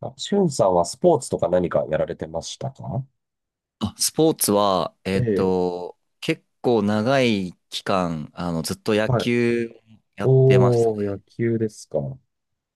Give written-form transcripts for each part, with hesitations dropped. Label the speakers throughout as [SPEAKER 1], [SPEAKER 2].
[SPEAKER 1] あ、しゅんさんはスポーツとか何かやられてましたか？
[SPEAKER 2] あ、スポーツは、
[SPEAKER 1] ええ、
[SPEAKER 2] 結構長い期間、ずっと野
[SPEAKER 1] はい、
[SPEAKER 2] 球やってます。
[SPEAKER 1] おー、野球ですか。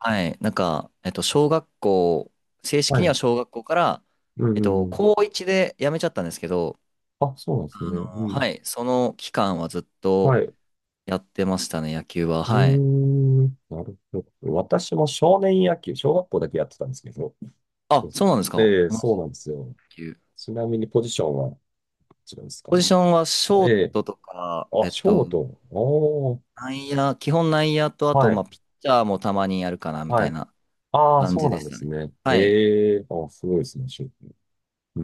[SPEAKER 2] はい。なんか、小学校、正
[SPEAKER 1] は
[SPEAKER 2] 式に
[SPEAKER 1] い、
[SPEAKER 2] は小学校から、
[SPEAKER 1] うんうんうん。
[SPEAKER 2] 高1で辞めちゃったんですけど、
[SPEAKER 1] あ、そうなんですね。う
[SPEAKER 2] は
[SPEAKER 1] ん。
[SPEAKER 2] い。その期間はずっ
[SPEAKER 1] は
[SPEAKER 2] と
[SPEAKER 1] い。う
[SPEAKER 2] やってましたね、野球は。
[SPEAKER 1] ー
[SPEAKER 2] はい。
[SPEAKER 1] ん、なるほど。私も少年野球、小学校だけやってたんですけど。そ
[SPEAKER 2] あ、
[SPEAKER 1] うそ
[SPEAKER 2] そうなんですか。
[SPEAKER 1] う。
[SPEAKER 2] 同
[SPEAKER 1] ええ、
[SPEAKER 2] じ
[SPEAKER 1] そうなんですよ。
[SPEAKER 2] 野球。
[SPEAKER 1] ちなみにポジションは、こちらですか？
[SPEAKER 2] ポジションはショ
[SPEAKER 1] え
[SPEAKER 2] ー
[SPEAKER 1] え。
[SPEAKER 2] トとか、
[SPEAKER 1] あ、ショート。おー。
[SPEAKER 2] 内野、基本内野と、あと、
[SPEAKER 1] は
[SPEAKER 2] ま
[SPEAKER 1] い。
[SPEAKER 2] あ、ピッチャーもたまにやるかな、み
[SPEAKER 1] は
[SPEAKER 2] たい
[SPEAKER 1] い。
[SPEAKER 2] な
[SPEAKER 1] ああ、
[SPEAKER 2] 感
[SPEAKER 1] そう
[SPEAKER 2] じ
[SPEAKER 1] な
[SPEAKER 2] で
[SPEAKER 1] ん
[SPEAKER 2] し
[SPEAKER 1] で
[SPEAKER 2] た
[SPEAKER 1] す
[SPEAKER 2] ね。
[SPEAKER 1] ね。
[SPEAKER 2] はい。
[SPEAKER 1] へえ。あ、すごいですね、ショート。うー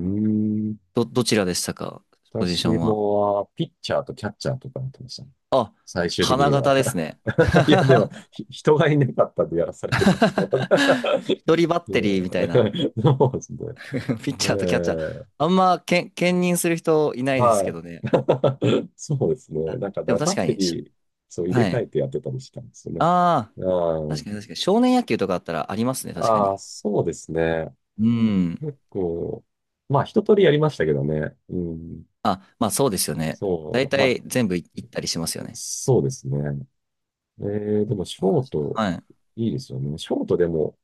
[SPEAKER 1] ん。
[SPEAKER 2] どちらでしたか、ポジショ
[SPEAKER 1] 私
[SPEAKER 2] ンは？
[SPEAKER 1] も、はピッチャーとキャッチャーとかやってましたね。
[SPEAKER 2] あ、
[SPEAKER 1] 最終的
[SPEAKER 2] 花
[SPEAKER 1] に
[SPEAKER 2] 形
[SPEAKER 1] は。
[SPEAKER 2] ですね。
[SPEAKER 1] いや、でも、人がいなかったんでやらされてたっていうのは。
[SPEAKER 2] 一人バッテリーみたい
[SPEAKER 1] う
[SPEAKER 2] な。
[SPEAKER 1] ん、そうですね。
[SPEAKER 2] ピッチャーとキャッチャー。
[SPEAKER 1] ええ、
[SPEAKER 2] あんまけん、兼任する人いないです
[SPEAKER 1] は
[SPEAKER 2] け
[SPEAKER 1] い。
[SPEAKER 2] どね。
[SPEAKER 1] そうですね。
[SPEAKER 2] あ、
[SPEAKER 1] なんか、だか
[SPEAKER 2] でも
[SPEAKER 1] らバ
[SPEAKER 2] 確
[SPEAKER 1] ッ
[SPEAKER 2] か
[SPEAKER 1] テ
[SPEAKER 2] に、
[SPEAKER 1] リー、そう入れ
[SPEAKER 2] は
[SPEAKER 1] 替
[SPEAKER 2] い。
[SPEAKER 1] えてやってたりしたんですよね。
[SPEAKER 2] ああ、
[SPEAKER 1] う
[SPEAKER 2] 確か
[SPEAKER 1] ん、
[SPEAKER 2] に確かに。少年野球とかあったらありますね、確か
[SPEAKER 1] あ
[SPEAKER 2] に。
[SPEAKER 1] あ、そうですね。
[SPEAKER 2] うん。
[SPEAKER 1] 結構、まあ、一通りやりましたけどね。うん、
[SPEAKER 2] あ、まあそうですよね。大
[SPEAKER 1] そう、まあ、
[SPEAKER 2] 体全部行ったりしますよね。
[SPEAKER 1] そうですね。でも、ショート、
[SPEAKER 2] はい。
[SPEAKER 1] いいですよね。ショートでも、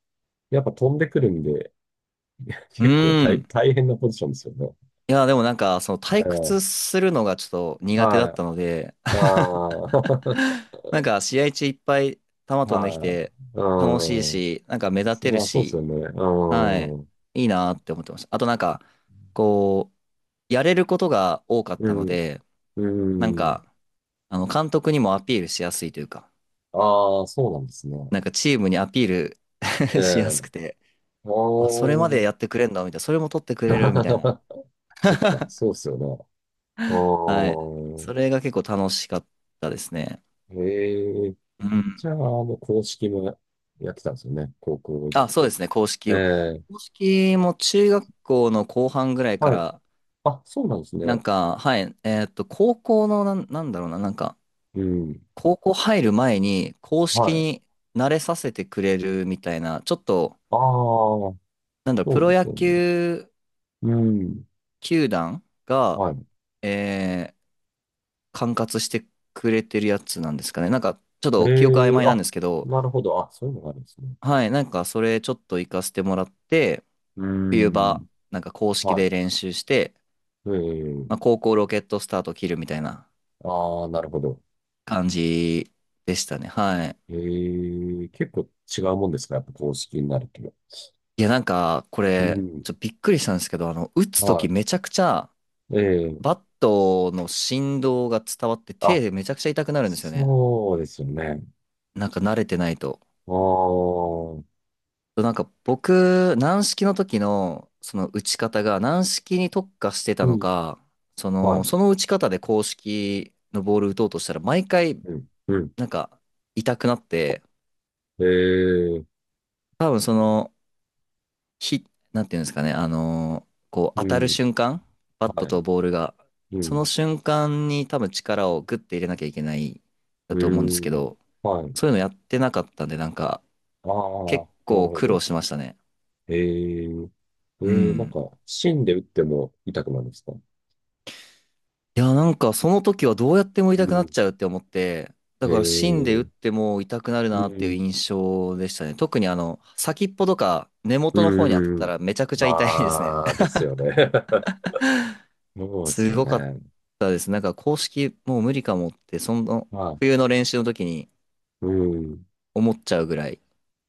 [SPEAKER 1] やっぱ飛んでくるんで、
[SPEAKER 2] う
[SPEAKER 1] 結構大、
[SPEAKER 2] ん。
[SPEAKER 1] 大変なポジションですよね。
[SPEAKER 2] いや、でもなんか、その退
[SPEAKER 1] うん、
[SPEAKER 2] 屈するのがちょっと苦手だ
[SPEAKER 1] は
[SPEAKER 2] っ
[SPEAKER 1] い。
[SPEAKER 2] たので。
[SPEAKER 1] ああ、
[SPEAKER 2] なんか試合中いっぱい球飛んでき
[SPEAKER 1] は
[SPEAKER 2] て
[SPEAKER 1] い。う
[SPEAKER 2] 楽しいし、なんか目立
[SPEAKER 1] ん。
[SPEAKER 2] てる
[SPEAKER 1] まあ、そうです
[SPEAKER 2] し、
[SPEAKER 1] よね。
[SPEAKER 2] はい、
[SPEAKER 1] うん。
[SPEAKER 2] いいなーって思ってました。あとなんか、こう、やれることが多かっ
[SPEAKER 1] う
[SPEAKER 2] たの
[SPEAKER 1] ん。
[SPEAKER 2] で、
[SPEAKER 1] う
[SPEAKER 2] なん
[SPEAKER 1] ん。
[SPEAKER 2] か、監督にもアピールしやすいというか、
[SPEAKER 1] ああ、そうなんですね。
[SPEAKER 2] なんかチームにアピー
[SPEAKER 1] え
[SPEAKER 2] ル しや
[SPEAKER 1] え。
[SPEAKER 2] すくて、あ、それまで
[SPEAKER 1] おー。
[SPEAKER 2] やってくれんだ、みたいな、それも取ってくれる、みたいな。
[SPEAKER 1] そっか、そうで すよね。う
[SPEAKER 2] はい。
[SPEAKER 1] ん。
[SPEAKER 2] それが結構楽しかったですね。
[SPEAKER 1] へえ。
[SPEAKER 2] うん。
[SPEAKER 1] じゃあ、もう公式もやってたんですよね、高校行っ
[SPEAKER 2] あ、そう
[SPEAKER 1] て。
[SPEAKER 2] ですね、公
[SPEAKER 1] え
[SPEAKER 2] 式を。
[SPEAKER 1] え。
[SPEAKER 2] 公式も中学校の後半ぐらいか
[SPEAKER 1] はい。
[SPEAKER 2] ら、
[SPEAKER 1] あ、そうなんです
[SPEAKER 2] な
[SPEAKER 1] ね。
[SPEAKER 2] んか、はい、高校のなんだろうな、なんか、
[SPEAKER 1] うん。
[SPEAKER 2] 高校入る前に公式
[SPEAKER 1] はい。
[SPEAKER 2] に慣れさせてくれるみたいな、ちょっと、
[SPEAKER 1] ああ、
[SPEAKER 2] なんだろう、
[SPEAKER 1] そ
[SPEAKER 2] プ
[SPEAKER 1] うで
[SPEAKER 2] ロ
[SPEAKER 1] す
[SPEAKER 2] 野
[SPEAKER 1] よね。
[SPEAKER 2] 球
[SPEAKER 1] うん。
[SPEAKER 2] 球団が、
[SPEAKER 1] はい。
[SPEAKER 2] えー管轄してくれてるやつなんですかね。なんか、ちょっと記憶曖
[SPEAKER 1] ええ、
[SPEAKER 2] 昧なん
[SPEAKER 1] あ、
[SPEAKER 2] ですけど、
[SPEAKER 1] なるほど。あ、そういうのがあるんですね。
[SPEAKER 2] はい、なんか、それちょっと行かせてもらって、
[SPEAKER 1] う
[SPEAKER 2] 冬場、
[SPEAKER 1] ん。
[SPEAKER 2] なんか公式
[SPEAKER 1] は
[SPEAKER 2] で練習して、まあ、
[SPEAKER 1] い。ええ、
[SPEAKER 2] 高校ロケットスタート切るみたいな
[SPEAKER 1] ああ、なるほど。
[SPEAKER 2] 感じでしたね。はい。
[SPEAKER 1] ええ、結構違うもんですか、やっぱ公式になると？
[SPEAKER 2] いや、なんか、こ
[SPEAKER 1] う
[SPEAKER 2] れ、
[SPEAKER 1] ん。
[SPEAKER 2] ちょっとびっくりしたんですけど、打つとき
[SPEAKER 1] は
[SPEAKER 2] めちゃくちゃ、
[SPEAKER 1] い。え
[SPEAKER 2] バ
[SPEAKER 1] え、
[SPEAKER 2] ットの振動が伝わって、手
[SPEAKER 1] あ、
[SPEAKER 2] でめちゃくちゃ痛くなるんですよね。
[SPEAKER 1] そうですよね。
[SPEAKER 2] なんか慣れてないと。
[SPEAKER 1] ああ、う
[SPEAKER 2] なんか僕、軟式の時の、その打ち方が軟式に特化してたの
[SPEAKER 1] ん。
[SPEAKER 2] か、そ
[SPEAKER 1] は
[SPEAKER 2] の、
[SPEAKER 1] い。
[SPEAKER 2] その打ち方で公式のボール打とうとしたら、毎回、
[SPEAKER 1] うん。うん。
[SPEAKER 2] なんか、痛くなって、
[SPEAKER 1] ええ、
[SPEAKER 2] 多分その、ひ、なんていうんですかね、こう当
[SPEAKER 1] う
[SPEAKER 2] たる
[SPEAKER 1] ん。
[SPEAKER 2] 瞬間、バット
[SPEAKER 1] はい。
[SPEAKER 2] とボールが、
[SPEAKER 1] う
[SPEAKER 2] その
[SPEAKER 1] ん。
[SPEAKER 2] 瞬間に多分力をグッて入れなきゃいけないだ
[SPEAKER 1] う
[SPEAKER 2] と思うんですけ
[SPEAKER 1] ん。
[SPEAKER 2] ど、
[SPEAKER 1] はい。
[SPEAKER 2] そういうのやってなかったんで、なんか
[SPEAKER 1] ああ、
[SPEAKER 2] 結
[SPEAKER 1] なる
[SPEAKER 2] 構
[SPEAKER 1] ほ
[SPEAKER 2] 苦労
[SPEAKER 1] ど。
[SPEAKER 2] しましたね。
[SPEAKER 1] えー、え
[SPEAKER 2] う
[SPEAKER 1] なん
[SPEAKER 2] ん。
[SPEAKER 1] か、芯で打っても痛くなるんですか？
[SPEAKER 2] いや、なんかその時はどうやっても痛
[SPEAKER 1] う
[SPEAKER 2] くなっ
[SPEAKER 1] ん。
[SPEAKER 2] ちゃうって思って、だ
[SPEAKER 1] え
[SPEAKER 2] から芯で打っ
[SPEAKER 1] ー、
[SPEAKER 2] ても痛くなる
[SPEAKER 1] う
[SPEAKER 2] なっていう
[SPEAKER 1] ん、
[SPEAKER 2] 印象でしたね。特に先っぽとか根元の方に当たっ
[SPEAKER 1] う
[SPEAKER 2] た
[SPEAKER 1] ん。
[SPEAKER 2] らめちゃくちゃ痛いですね。
[SPEAKER 1] ああ、ですよね。そうです
[SPEAKER 2] す
[SPEAKER 1] よ
[SPEAKER 2] ごかっ
[SPEAKER 1] ね。
[SPEAKER 2] たです。なんか公式もう無理かもって、その
[SPEAKER 1] まあ、
[SPEAKER 2] 冬の練習の時に
[SPEAKER 1] うん。
[SPEAKER 2] 思っちゃうぐらい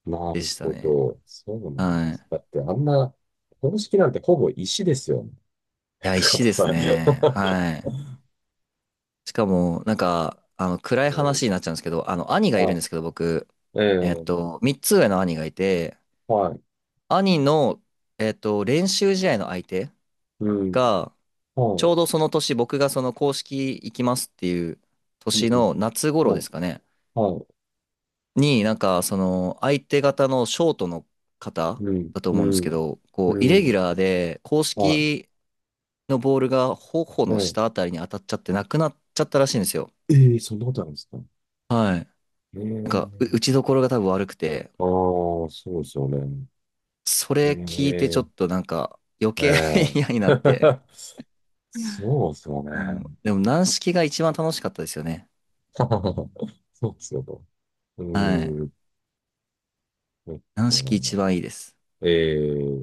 [SPEAKER 1] な
[SPEAKER 2] で
[SPEAKER 1] る
[SPEAKER 2] した
[SPEAKER 1] ほ
[SPEAKER 2] ね。
[SPEAKER 1] ど。そうなん
[SPEAKER 2] は
[SPEAKER 1] で
[SPEAKER 2] い。い
[SPEAKER 1] す。だって、あんな、公式なんてほぼ石ですよね。
[SPEAKER 2] や、石
[SPEAKER 1] 硬
[SPEAKER 2] です
[SPEAKER 1] さ。
[SPEAKER 2] ね。はい。しかも、なんか、暗
[SPEAKER 1] う
[SPEAKER 2] い
[SPEAKER 1] ん。
[SPEAKER 2] 話になっちゃうんですけど、兄がいるんですけど、
[SPEAKER 1] ま
[SPEAKER 2] 僕、
[SPEAKER 1] あ、ええ、
[SPEAKER 2] 3つ上の兄がいて、
[SPEAKER 1] はい。
[SPEAKER 2] 兄の、練習試合の相手
[SPEAKER 1] うん。
[SPEAKER 2] が、ち
[SPEAKER 1] はい。
[SPEAKER 2] ょうどその年、僕がその公式行きますっていう
[SPEAKER 1] う
[SPEAKER 2] 年
[SPEAKER 1] ん。
[SPEAKER 2] の夏頃
[SPEAKER 1] は
[SPEAKER 2] で
[SPEAKER 1] い。
[SPEAKER 2] すかね。
[SPEAKER 1] はい。
[SPEAKER 2] に、なんか、その、相手方のショートの方
[SPEAKER 1] うん。
[SPEAKER 2] だと
[SPEAKER 1] う
[SPEAKER 2] 思うんですけ
[SPEAKER 1] ん。
[SPEAKER 2] ど、
[SPEAKER 1] う
[SPEAKER 2] こう、イレギュ
[SPEAKER 1] ん。
[SPEAKER 2] ラーで、公
[SPEAKER 1] はい。
[SPEAKER 2] 式のボールが頬の
[SPEAKER 1] え
[SPEAKER 2] 下
[SPEAKER 1] え、
[SPEAKER 2] あたりに当たっちゃってなくなっちゃったらしいんですよ。
[SPEAKER 1] ええ、そんなことあるんですか？
[SPEAKER 2] はい。
[SPEAKER 1] え
[SPEAKER 2] なんか、打
[SPEAKER 1] え、
[SPEAKER 2] ちどころが多分悪くて、
[SPEAKER 1] ああー、そうですよね。
[SPEAKER 2] そ
[SPEAKER 1] え
[SPEAKER 2] れ聞いてちょ
[SPEAKER 1] え、
[SPEAKER 2] っとなんか、余
[SPEAKER 1] え
[SPEAKER 2] 計 嫌になって、
[SPEAKER 1] え、 そうですよ
[SPEAKER 2] うん、
[SPEAKER 1] ね。
[SPEAKER 2] でも、軟式が一番楽しかったですよね。
[SPEAKER 1] そうですよと。う
[SPEAKER 2] はい。
[SPEAKER 1] ーん、そっ
[SPEAKER 2] 軟
[SPEAKER 1] か。
[SPEAKER 2] 式一番いいです。
[SPEAKER 1] え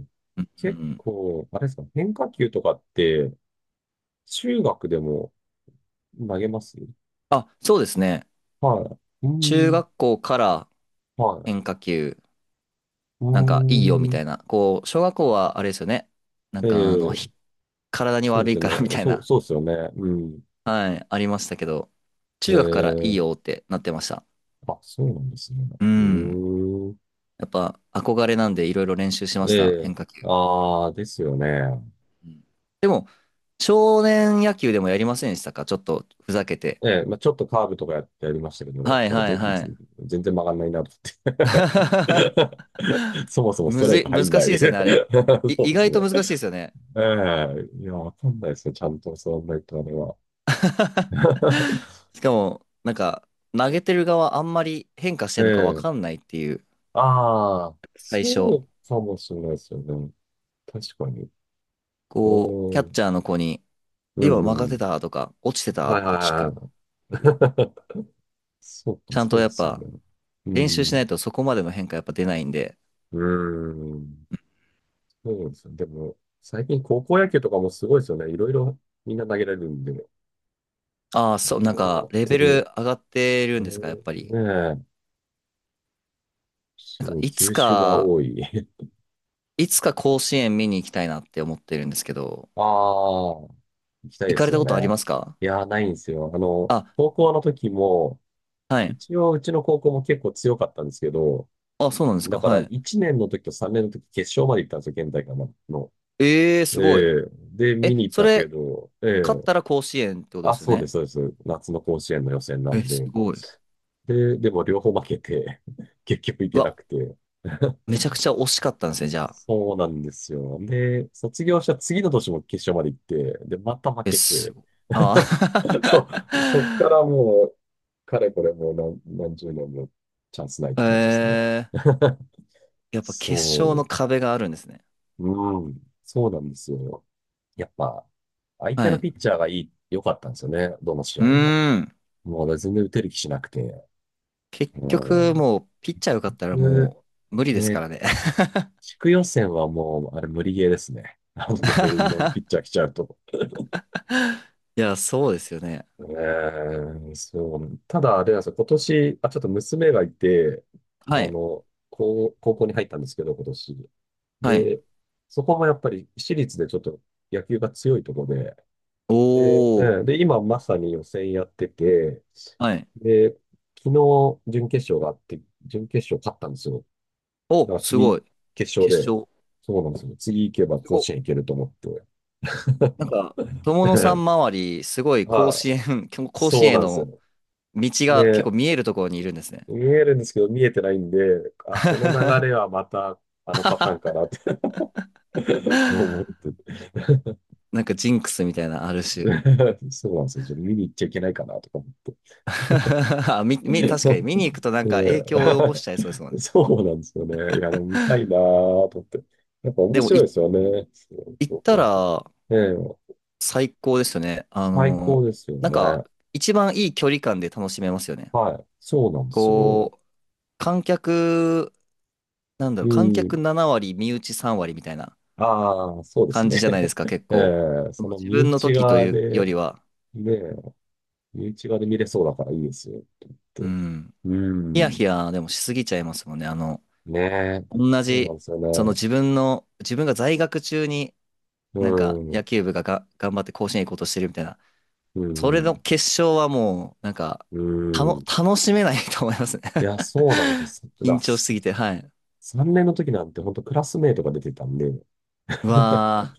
[SPEAKER 1] え、
[SPEAKER 2] うん、う
[SPEAKER 1] 結
[SPEAKER 2] ん。
[SPEAKER 1] 構、あれですか、変化球とかって、中学でも投げます？
[SPEAKER 2] あ、そうですね。
[SPEAKER 1] はい。うー
[SPEAKER 2] 中
[SPEAKER 1] ん、
[SPEAKER 2] 学校から
[SPEAKER 1] はい。
[SPEAKER 2] 変化球。
[SPEAKER 1] う
[SPEAKER 2] なんかいいよみ
[SPEAKER 1] ーん、
[SPEAKER 2] たいな。こう、小学校はあれですよね。なん
[SPEAKER 1] え
[SPEAKER 2] か
[SPEAKER 1] え、
[SPEAKER 2] 体に
[SPEAKER 1] そうで
[SPEAKER 2] 悪
[SPEAKER 1] す
[SPEAKER 2] い
[SPEAKER 1] よ
[SPEAKER 2] からみ
[SPEAKER 1] ね。
[SPEAKER 2] たい
[SPEAKER 1] そう、
[SPEAKER 2] な。
[SPEAKER 1] そうですよね。うん。
[SPEAKER 2] はい、ありましたけど、中学からいい
[SPEAKER 1] ええ、
[SPEAKER 2] よってなってました。
[SPEAKER 1] あ、そうなんですね。
[SPEAKER 2] う
[SPEAKER 1] う
[SPEAKER 2] ん。
[SPEAKER 1] ーん。
[SPEAKER 2] やっぱ憧れなんでいろいろ練習しました。
[SPEAKER 1] ええ。
[SPEAKER 2] 変化球。
[SPEAKER 1] ああ、ですよね。
[SPEAKER 2] うんでも、少年野球でもやりませんでしたか、ちょっとふざけて。
[SPEAKER 1] ええ、まあ、ちょっとカーブとかやりましたけど、
[SPEAKER 2] はい
[SPEAKER 1] なんか
[SPEAKER 2] はい
[SPEAKER 1] 全
[SPEAKER 2] はい。
[SPEAKER 1] 全全然曲がんないなと思っ て。そもそもス
[SPEAKER 2] む
[SPEAKER 1] トライ
[SPEAKER 2] ずい、
[SPEAKER 1] ク入
[SPEAKER 2] 難
[SPEAKER 1] んな
[SPEAKER 2] しい
[SPEAKER 1] い。
[SPEAKER 2] ですよね、あれ。
[SPEAKER 1] そう
[SPEAKER 2] 意
[SPEAKER 1] です
[SPEAKER 2] 外と
[SPEAKER 1] ね。
[SPEAKER 2] 難しいですよね。
[SPEAKER 1] ええ、いや、わかんないですね。ちゃんと座んないとあれは。
[SPEAKER 2] しかも、なんか、投げてる側あんまり変化し
[SPEAKER 1] え
[SPEAKER 2] てんのかわ
[SPEAKER 1] え、
[SPEAKER 2] かんないっていう、
[SPEAKER 1] ああ、
[SPEAKER 2] 最
[SPEAKER 1] そ
[SPEAKER 2] 初。
[SPEAKER 1] うかもしれないですよね。確かに。
[SPEAKER 2] こう、キャ
[SPEAKER 1] う
[SPEAKER 2] ッ
[SPEAKER 1] ん。
[SPEAKER 2] チャーの子に、
[SPEAKER 1] う
[SPEAKER 2] 今曲が
[SPEAKER 1] ん
[SPEAKER 2] っ
[SPEAKER 1] う
[SPEAKER 2] て
[SPEAKER 1] ん。
[SPEAKER 2] たとか、落ちてた
[SPEAKER 1] はい
[SPEAKER 2] っ
[SPEAKER 1] はい
[SPEAKER 2] て聞
[SPEAKER 1] は
[SPEAKER 2] く。
[SPEAKER 1] い、はい。そうか、
[SPEAKER 2] ちゃん
[SPEAKER 1] そ
[SPEAKER 2] と
[SPEAKER 1] うで
[SPEAKER 2] やっ
[SPEAKER 1] すよ
[SPEAKER 2] ぱ、
[SPEAKER 1] ね。う
[SPEAKER 2] 練習しない
[SPEAKER 1] ん。
[SPEAKER 2] とそこまでの変化やっぱ出ないんで。
[SPEAKER 1] うん。そうですよね。でも、最近高校野球とかもすごいですよね。いろいろみんな投げられるんで、い
[SPEAKER 2] ああ、そう、
[SPEAKER 1] ろい
[SPEAKER 2] なん
[SPEAKER 1] ろ上
[SPEAKER 2] か、
[SPEAKER 1] がっ
[SPEAKER 2] レ
[SPEAKER 1] て
[SPEAKER 2] ベル
[SPEAKER 1] る。
[SPEAKER 2] 上がってる
[SPEAKER 1] そ
[SPEAKER 2] ん
[SPEAKER 1] う、
[SPEAKER 2] ですか、やっぱり。
[SPEAKER 1] ねえ。す
[SPEAKER 2] なんか、
[SPEAKER 1] ごい、
[SPEAKER 2] いつ
[SPEAKER 1] 球種が
[SPEAKER 2] か、
[SPEAKER 1] 多い。
[SPEAKER 2] いつか甲子園見に行きたいなって思ってるんですけど、
[SPEAKER 1] ああ、行きたい
[SPEAKER 2] 行
[SPEAKER 1] で
[SPEAKER 2] か
[SPEAKER 1] す
[SPEAKER 2] れた
[SPEAKER 1] よ
[SPEAKER 2] ことあり
[SPEAKER 1] ね。
[SPEAKER 2] ますか
[SPEAKER 1] いやー、ないんですよ。あの、
[SPEAKER 2] あ？
[SPEAKER 1] 高校の時も、
[SPEAKER 2] はい。
[SPEAKER 1] 一応うちの高校も結構強かったんですけど、
[SPEAKER 2] あ、そうなんです
[SPEAKER 1] だ
[SPEAKER 2] か、
[SPEAKER 1] から
[SPEAKER 2] はい。
[SPEAKER 1] 1年の時と3年の時決勝まで行ったんですよ、県大会の。
[SPEAKER 2] ええー、
[SPEAKER 1] え
[SPEAKER 2] すごい。
[SPEAKER 1] え、で、見
[SPEAKER 2] え、
[SPEAKER 1] に行っ
[SPEAKER 2] そ
[SPEAKER 1] たんですけ
[SPEAKER 2] れ、
[SPEAKER 1] ど、え
[SPEAKER 2] 勝っ
[SPEAKER 1] え、
[SPEAKER 2] たら甲子園ってことで
[SPEAKER 1] あ、
[SPEAKER 2] すよ
[SPEAKER 1] そうで
[SPEAKER 2] ね。
[SPEAKER 1] す、そうです。夏の甲子園の予選な
[SPEAKER 2] え、
[SPEAKER 1] ん
[SPEAKER 2] す
[SPEAKER 1] で。
[SPEAKER 2] ごい。
[SPEAKER 1] でも両方負けて、 結局行
[SPEAKER 2] う
[SPEAKER 1] けな
[SPEAKER 2] わ、
[SPEAKER 1] くて。
[SPEAKER 2] めちゃくちゃ惜しかったんですね、じゃあ。
[SPEAKER 1] そうなんですよ。で、卒業した次の年も決勝まで行って、で、また負
[SPEAKER 2] え、
[SPEAKER 1] けて、
[SPEAKER 2] あ
[SPEAKER 1] そう、そっからもう、かれこれもう何十年もチャンスないって
[SPEAKER 2] あ。
[SPEAKER 1] 感じですね。
[SPEAKER 2] やっぱ決勝の
[SPEAKER 1] そ
[SPEAKER 2] 壁があるんですね。
[SPEAKER 1] う、うん、そうなんですよ。やっぱ、相手
[SPEAKER 2] は
[SPEAKER 1] の
[SPEAKER 2] い。
[SPEAKER 1] ピッチャーが良かったんですよね、どの試
[SPEAKER 2] う
[SPEAKER 1] 合も。
[SPEAKER 2] ーん。
[SPEAKER 1] もう全然打てる気しなくて。
[SPEAKER 2] 結
[SPEAKER 1] う
[SPEAKER 2] 局、
[SPEAKER 1] ん。
[SPEAKER 2] もう、ピッチャーよかったら
[SPEAKER 1] で、
[SPEAKER 2] もう、無理ですか
[SPEAKER 1] ね、
[SPEAKER 2] らね。
[SPEAKER 1] 地区予選はもう、あれ無理ゲーですね。あのレベルのピ ッチャー来ちゃうと。
[SPEAKER 2] いや、そうですよね。
[SPEAKER 1] えー、そう。ただ、あれなんですよ。今年、あ、ちょっと娘がいて、あ
[SPEAKER 2] はい。
[SPEAKER 1] の、高校に入ったんですけど、今年。
[SPEAKER 2] はい。
[SPEAKER 1] で、そこもやっぱり私立でちょっと野球が強いところで、
[SPEAKER 2] お
[SPEAKER 1] で、うん、
[SPEAKER 2] ー。
[SPEAKER 1] で、今まさに予選やってて、
[SPEAKER 2] はい。
[SPEAKER 1] で、昨日準決勝があって、準決勝勝ったんですよ。だ
[SPEAKER 2] お、
[SPEAKER 1] から
[SPEAKER 2] すご
[SPEAKER 1] 次、
[SPEAKER 2] い。
[SPEAKER 1] 決勝
[SPEAKER 2] 決
[SPEAKER 1] で、
[SPEAKER 2] 勝。
[SPEAKER 1] そうなんですよ。次行けば
[SPEAKER 2] す
[SPEAKER 1] 甲
[SPEAKER 2] ごい。
[SPEAKER 1] 子園行けると思って。
[SPEAKER 2] なんか、友野さん 周り、すごい甲
[SPEAKER 1] はい。
[SPEAKER 2] 子園、甲子
[SPEAKER 1] そう
[SPEAKER 2] 園へ
[SPEAKER 1] なんです
[SPEAKER 2] の
[SPEAKER 1] よ。
[SPEAKER 2] 道が結
[SPEAKER 1] で、
[SPEAKER 2] 構見えるところにいるんですね。
[SPEAKER 1] 見えるんですけど、見えてないんで、あ、この流れ はまた、あのパターンかなって、 思って。
[SPEAKER 2] なんかジンクスみたいな、ある種。
[SPEAKER 1] そうなんですよ。ちょっと見に行っちゃいけないかなとか思って。
[SPEAKER 2] あみ、み、
[SPEAKER 1] で、
[SPEAKER 2] 確かに見に行くとなんか影響を及ぼしちゃいそうですもん ね。
[SPEAKER 1] そうなんですよね。いや、でも見たいなと思って。やっぱ
[SPEAKER 2] で
[SPEAKER 1] 面
[SPEAKER 2] も、
[SPEAKER 1] 白いですよね。そう
[SPEAKER 2] 行っ
[SPEAKER 1] そう、こ
[SPEAKER 2] た
[SPEAKER 1] れ、
[SPEAKER 2] ら
[SPEAKER 1] ええ、
[SPEAKER 2] 最高ですよね。
[SPEAKER 1] 最高ですよ
[SPEAKER 2] なんか、
[SPEAKER 1] ね。
[SPEAKER 2] 一番いい距離感で楽しめますよね。
[SPEAKER 1] はい。そうなんですよ。
[SPEAKER 2] こう、観客、なんだろ
[SPEAKER 1] う
[SPEAKER 2] う、観客
[SPEAKER 1] ん。
[SPEAKER 2] 7割、身内3割みたいな
[SPEAKER 1] ああ、そうです
[SPEAKER 2] 感じ
[SPEAKER 1] ね。
[SPEAKER 2] じゃないです か、結
[SPEAKER 1] え
[SPEAKER 2] 構。
[SPEAKER 1] え、
[SPEAKER 2] そ
[SPEAKER 1] そ
[SPEAKER 2] の
[SPEAKER 1] の
[SPEAKER 2] 自
[SPEAKER 1] 身
[SPEAKER 2] 分の
[SPEAKER 1] 内
[SPEAKER 2] 時と
[SPEAKER 1] 側
[SPEAKER 2] いうよ
[SPEAKER 1] で、
[SPEAKER 2] りは、
[SPEAKER 1] ねえ、身側で見れそうだからいいですよ、と思っ
[SPEAKER 2] う
[SPEAKER 1] て。
[SPEAKER 2] ん。
[SPEAKER 1] う
[SPEAKER 2] ヒヤヒ
[SPEAKER 1] ん。
[SPEAKER 2] ヤでもしすぎちゃいますもんね、
[SPEAKER 1] ねえ。そ
[SPEAKER 2] 同
[SPEAKER 1] うなん
[SPEAKER 2] じ、
[SPEAKER 1] ですよ
[SPEAKER 2] その
[SPEAKER 1] ね。
[SPEAKER 2] 自分の、自分が在学中に
[SPEAKER 1] う
[SPEAKER 2] なんか野
[SPEAKER 1] ん。
[SPEAKER 2] 球部が頑張って甲子園行こうとしてるみたいな、
[SPEAKER 1] う
[SPEAKER 2] それの
[SPEAKER 1] ん。
[SPEAKER 2] 決勝はもう、なんか、
[SPEAKER 1] うん。
[SPEAKER 2] 楽しめない と思いますね。
[SPEAKER 1] いや、そうなんですよ。さだ、
[SPEAKER 2] 緊張しす
[SPEAKER 1] さ
[SPEAKER 2] ぎて、はい。
[SPEAKER 1] 3年の時なんて本当クラスメイトが出てたんで。
[SPEAKER 2] う わー、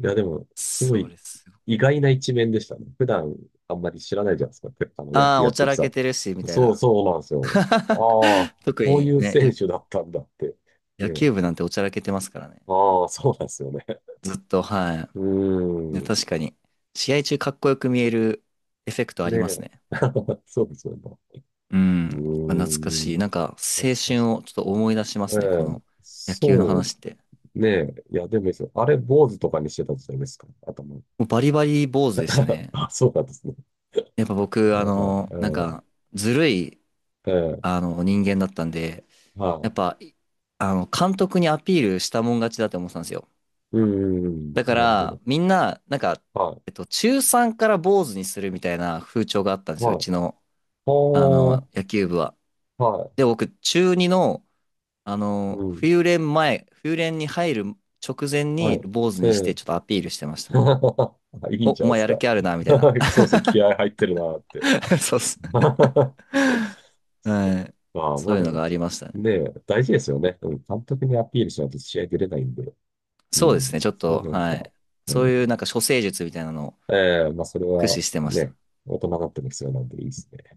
[SPEAKER 1] いや、でも、すご
[SPEAKER 2] そう
[SPEAKER 1] い
[SPEAKER 2] です。
[SPEAKER 1] 意外な一面でしたね。普段あんまり知らないじゃないですか、あの野
[SPEAKER 2] あ
[SPEAKER 1] 球
[SPEAKER 2] あ、
[SPEAKER 1] や
[SPEAKER 2] お
[SPEAKER 1] っ
[SPEAKER 2] ちゃ
[SPEAKER 1] てる
[SPEAKER 2] ら
[SPEAKER 1] さ。
[SPEAKER 2] けてるし、みたい
[SPEAKER 1] そう、
[SPEAKER 2] な。
[SPEAKER 1] そうなんですよ。ああ、
[SPEAKER 2] 特
[SPEAKER 1] こうい
[SPEAKER 2] に
[SPEAKER 1] う
[SPEAKER 2] ね、
[SPEAKER 1] 選手だったんだって。
[SPEAKER 2] 野
[SPEAKER 1] ねえ。
[SPEAKER 2] 球部なんておちゃらけてますからね。
[SPEAKER 1] ああ、そうなんですよね。
[SPEAKER 2] ずっと、は
[SPEAKER 1] う
[SPEAKER 2] い。ね、
[SPEAKER 1] ーん。
[SPEAKER 2] 確かに。試合中かっこよく見えるエフェクトあ
[SPEAKER 1] ね
[SPEAKER 2] ります
[SPEAKER 1] え。
[SPEAKER 2] ね。
[SPEAKER 1] そうですよね。
[SPEAKER 2] う
[SPEAKER 1] う
[SPEAKER 2] ん。あ、懐か
[SPEAKER 1] ー
[SPEAKER 2] しい。
[SPEAKER 1] ん。
[SPEAKER 2] なんか、
[SPEAKER 1] 確
[SPEAKER 2] 青
[SPEAKER 1] かに。
[SPEAKER 2] 春をちょっと思い出しま
[SPEAKER 1] え
[SPEAKER 2] すね、こ
[SPEAKER 1] え。
[SPEAKER 2] の野球の
[SPEAKER 1] そ
[SPEAKER 2] 話って。
[SPEAKER 1] う、ねえ。いや、でもいいですよ。あれ、坊主とかにしてたじゃないですか、頭。
[SPEAKER 2] もうバリバリ坊主でした ね。
[SPEAKER 1] あ、そうなんですね。
[SPEAKER 2] やっぱ僕、
[SPEAKER 1] やば
[SPEAKER 2] なん
[SPEAKER 1] い。
[SPEAKER 2] か、ずるい、
[SPEAKER 1] ええ。ええ。
[SPEAKER 2] 人間だったんで、
[SPEAKER 1] は
[SPEAKER 2] やっぱ、いあの、監督にアピールしたもん勝ちだって思ってたんですよ。
[SPEAKER 1] い。うん、うん。うん、
[SPEAKER 2] だか
[SPEAKER 1] なるほ
[SPEAKER 2] ら、
[SPEAKER 1] ど。
[SPEAKER 2] みんな、なんか、
[SPEAKER 1] は
[SPEAKER 2] 中3から坊主にするみたいな風潮があったん
[SPEAKER 1] い。
[SPEAKER 2] ですよ、う
[SPEAKER 1] はい。
[SPEAKER 2] ちの、
[SPEAKER 1] ほー。
[SPEAKER 2] 野球部は。
[SPEAKER 1] は
[SPEAKER 2] で、僕、中2の
[SPEAKER 1] い。うん。
[SPEAKER 2] 冬練前、冬練に入る直前
[SPEAKER 1] は
[SPEAKER 2] に
[SPEAKER 1] い。
[SPEAKER 2] 坊主
[SPEAKER 1] え
[SPEAKER 2] にして
[SPEAKER 1] え。
[SPEAKER 2] ちょっとアピールしてました。
[SPEAKER 1] あ、いい
[SPEAKER 2] お、
[SPEAKER 1] んじゃ
[SPEAKER 2] お
[SPEAKER 1] ないで
[SPEAKER 2] 前
[SPEAKER 1] す
[SPEAKER 2] やる
[SPEAKER 1] か。
[SPEAKER 2] 気あるな、みたい な。
[SPEAKER 1] そうですね。気合入ってるなーって。
[SPEAKER 2] そうっす。
[SPEAKER 1] そっか。
[SPEAKER 2] はい。
[SPEAKER 1] まあ、ま
[SPEAKER 2] そう
[SPEAKER 1] あ
[SPEAKER 2] いう
[SPEAKER 1] で
[SPEAKER 2] の
[SPEAKER 1] も、
[SPEAKER 2] がありましたね。
[SPEAKER 1] ねえ、大事ですよね。うん、監督にアピールしないと試合出れないんで。う
[SPEAKER 2] そうですね、
[SPEAKER 1] ん。
[SPEAKER 2] ちょっ
[SPEAKER 1] それ
[SPEAKER 2] と、
[SPEAKER 1] でやっ
[SPEAKER 2] は
[SPEAKER 1] ぱ、
[SPEAKER 2] い。
[SPEAKER 1] う
[SPEAKER 2] そういう
[SPEAKER 1] ん。
[SPEAKER 2] なんか処世術みたいなのを
[SPEAKER 1] ええ、まあ、それ
[SPEAKER 2] 駆使
[SPEAKER 1] は
[SPEAKER 2] してました。
[SPEAKER 1] ね、大人になっても必要なんでいいですね。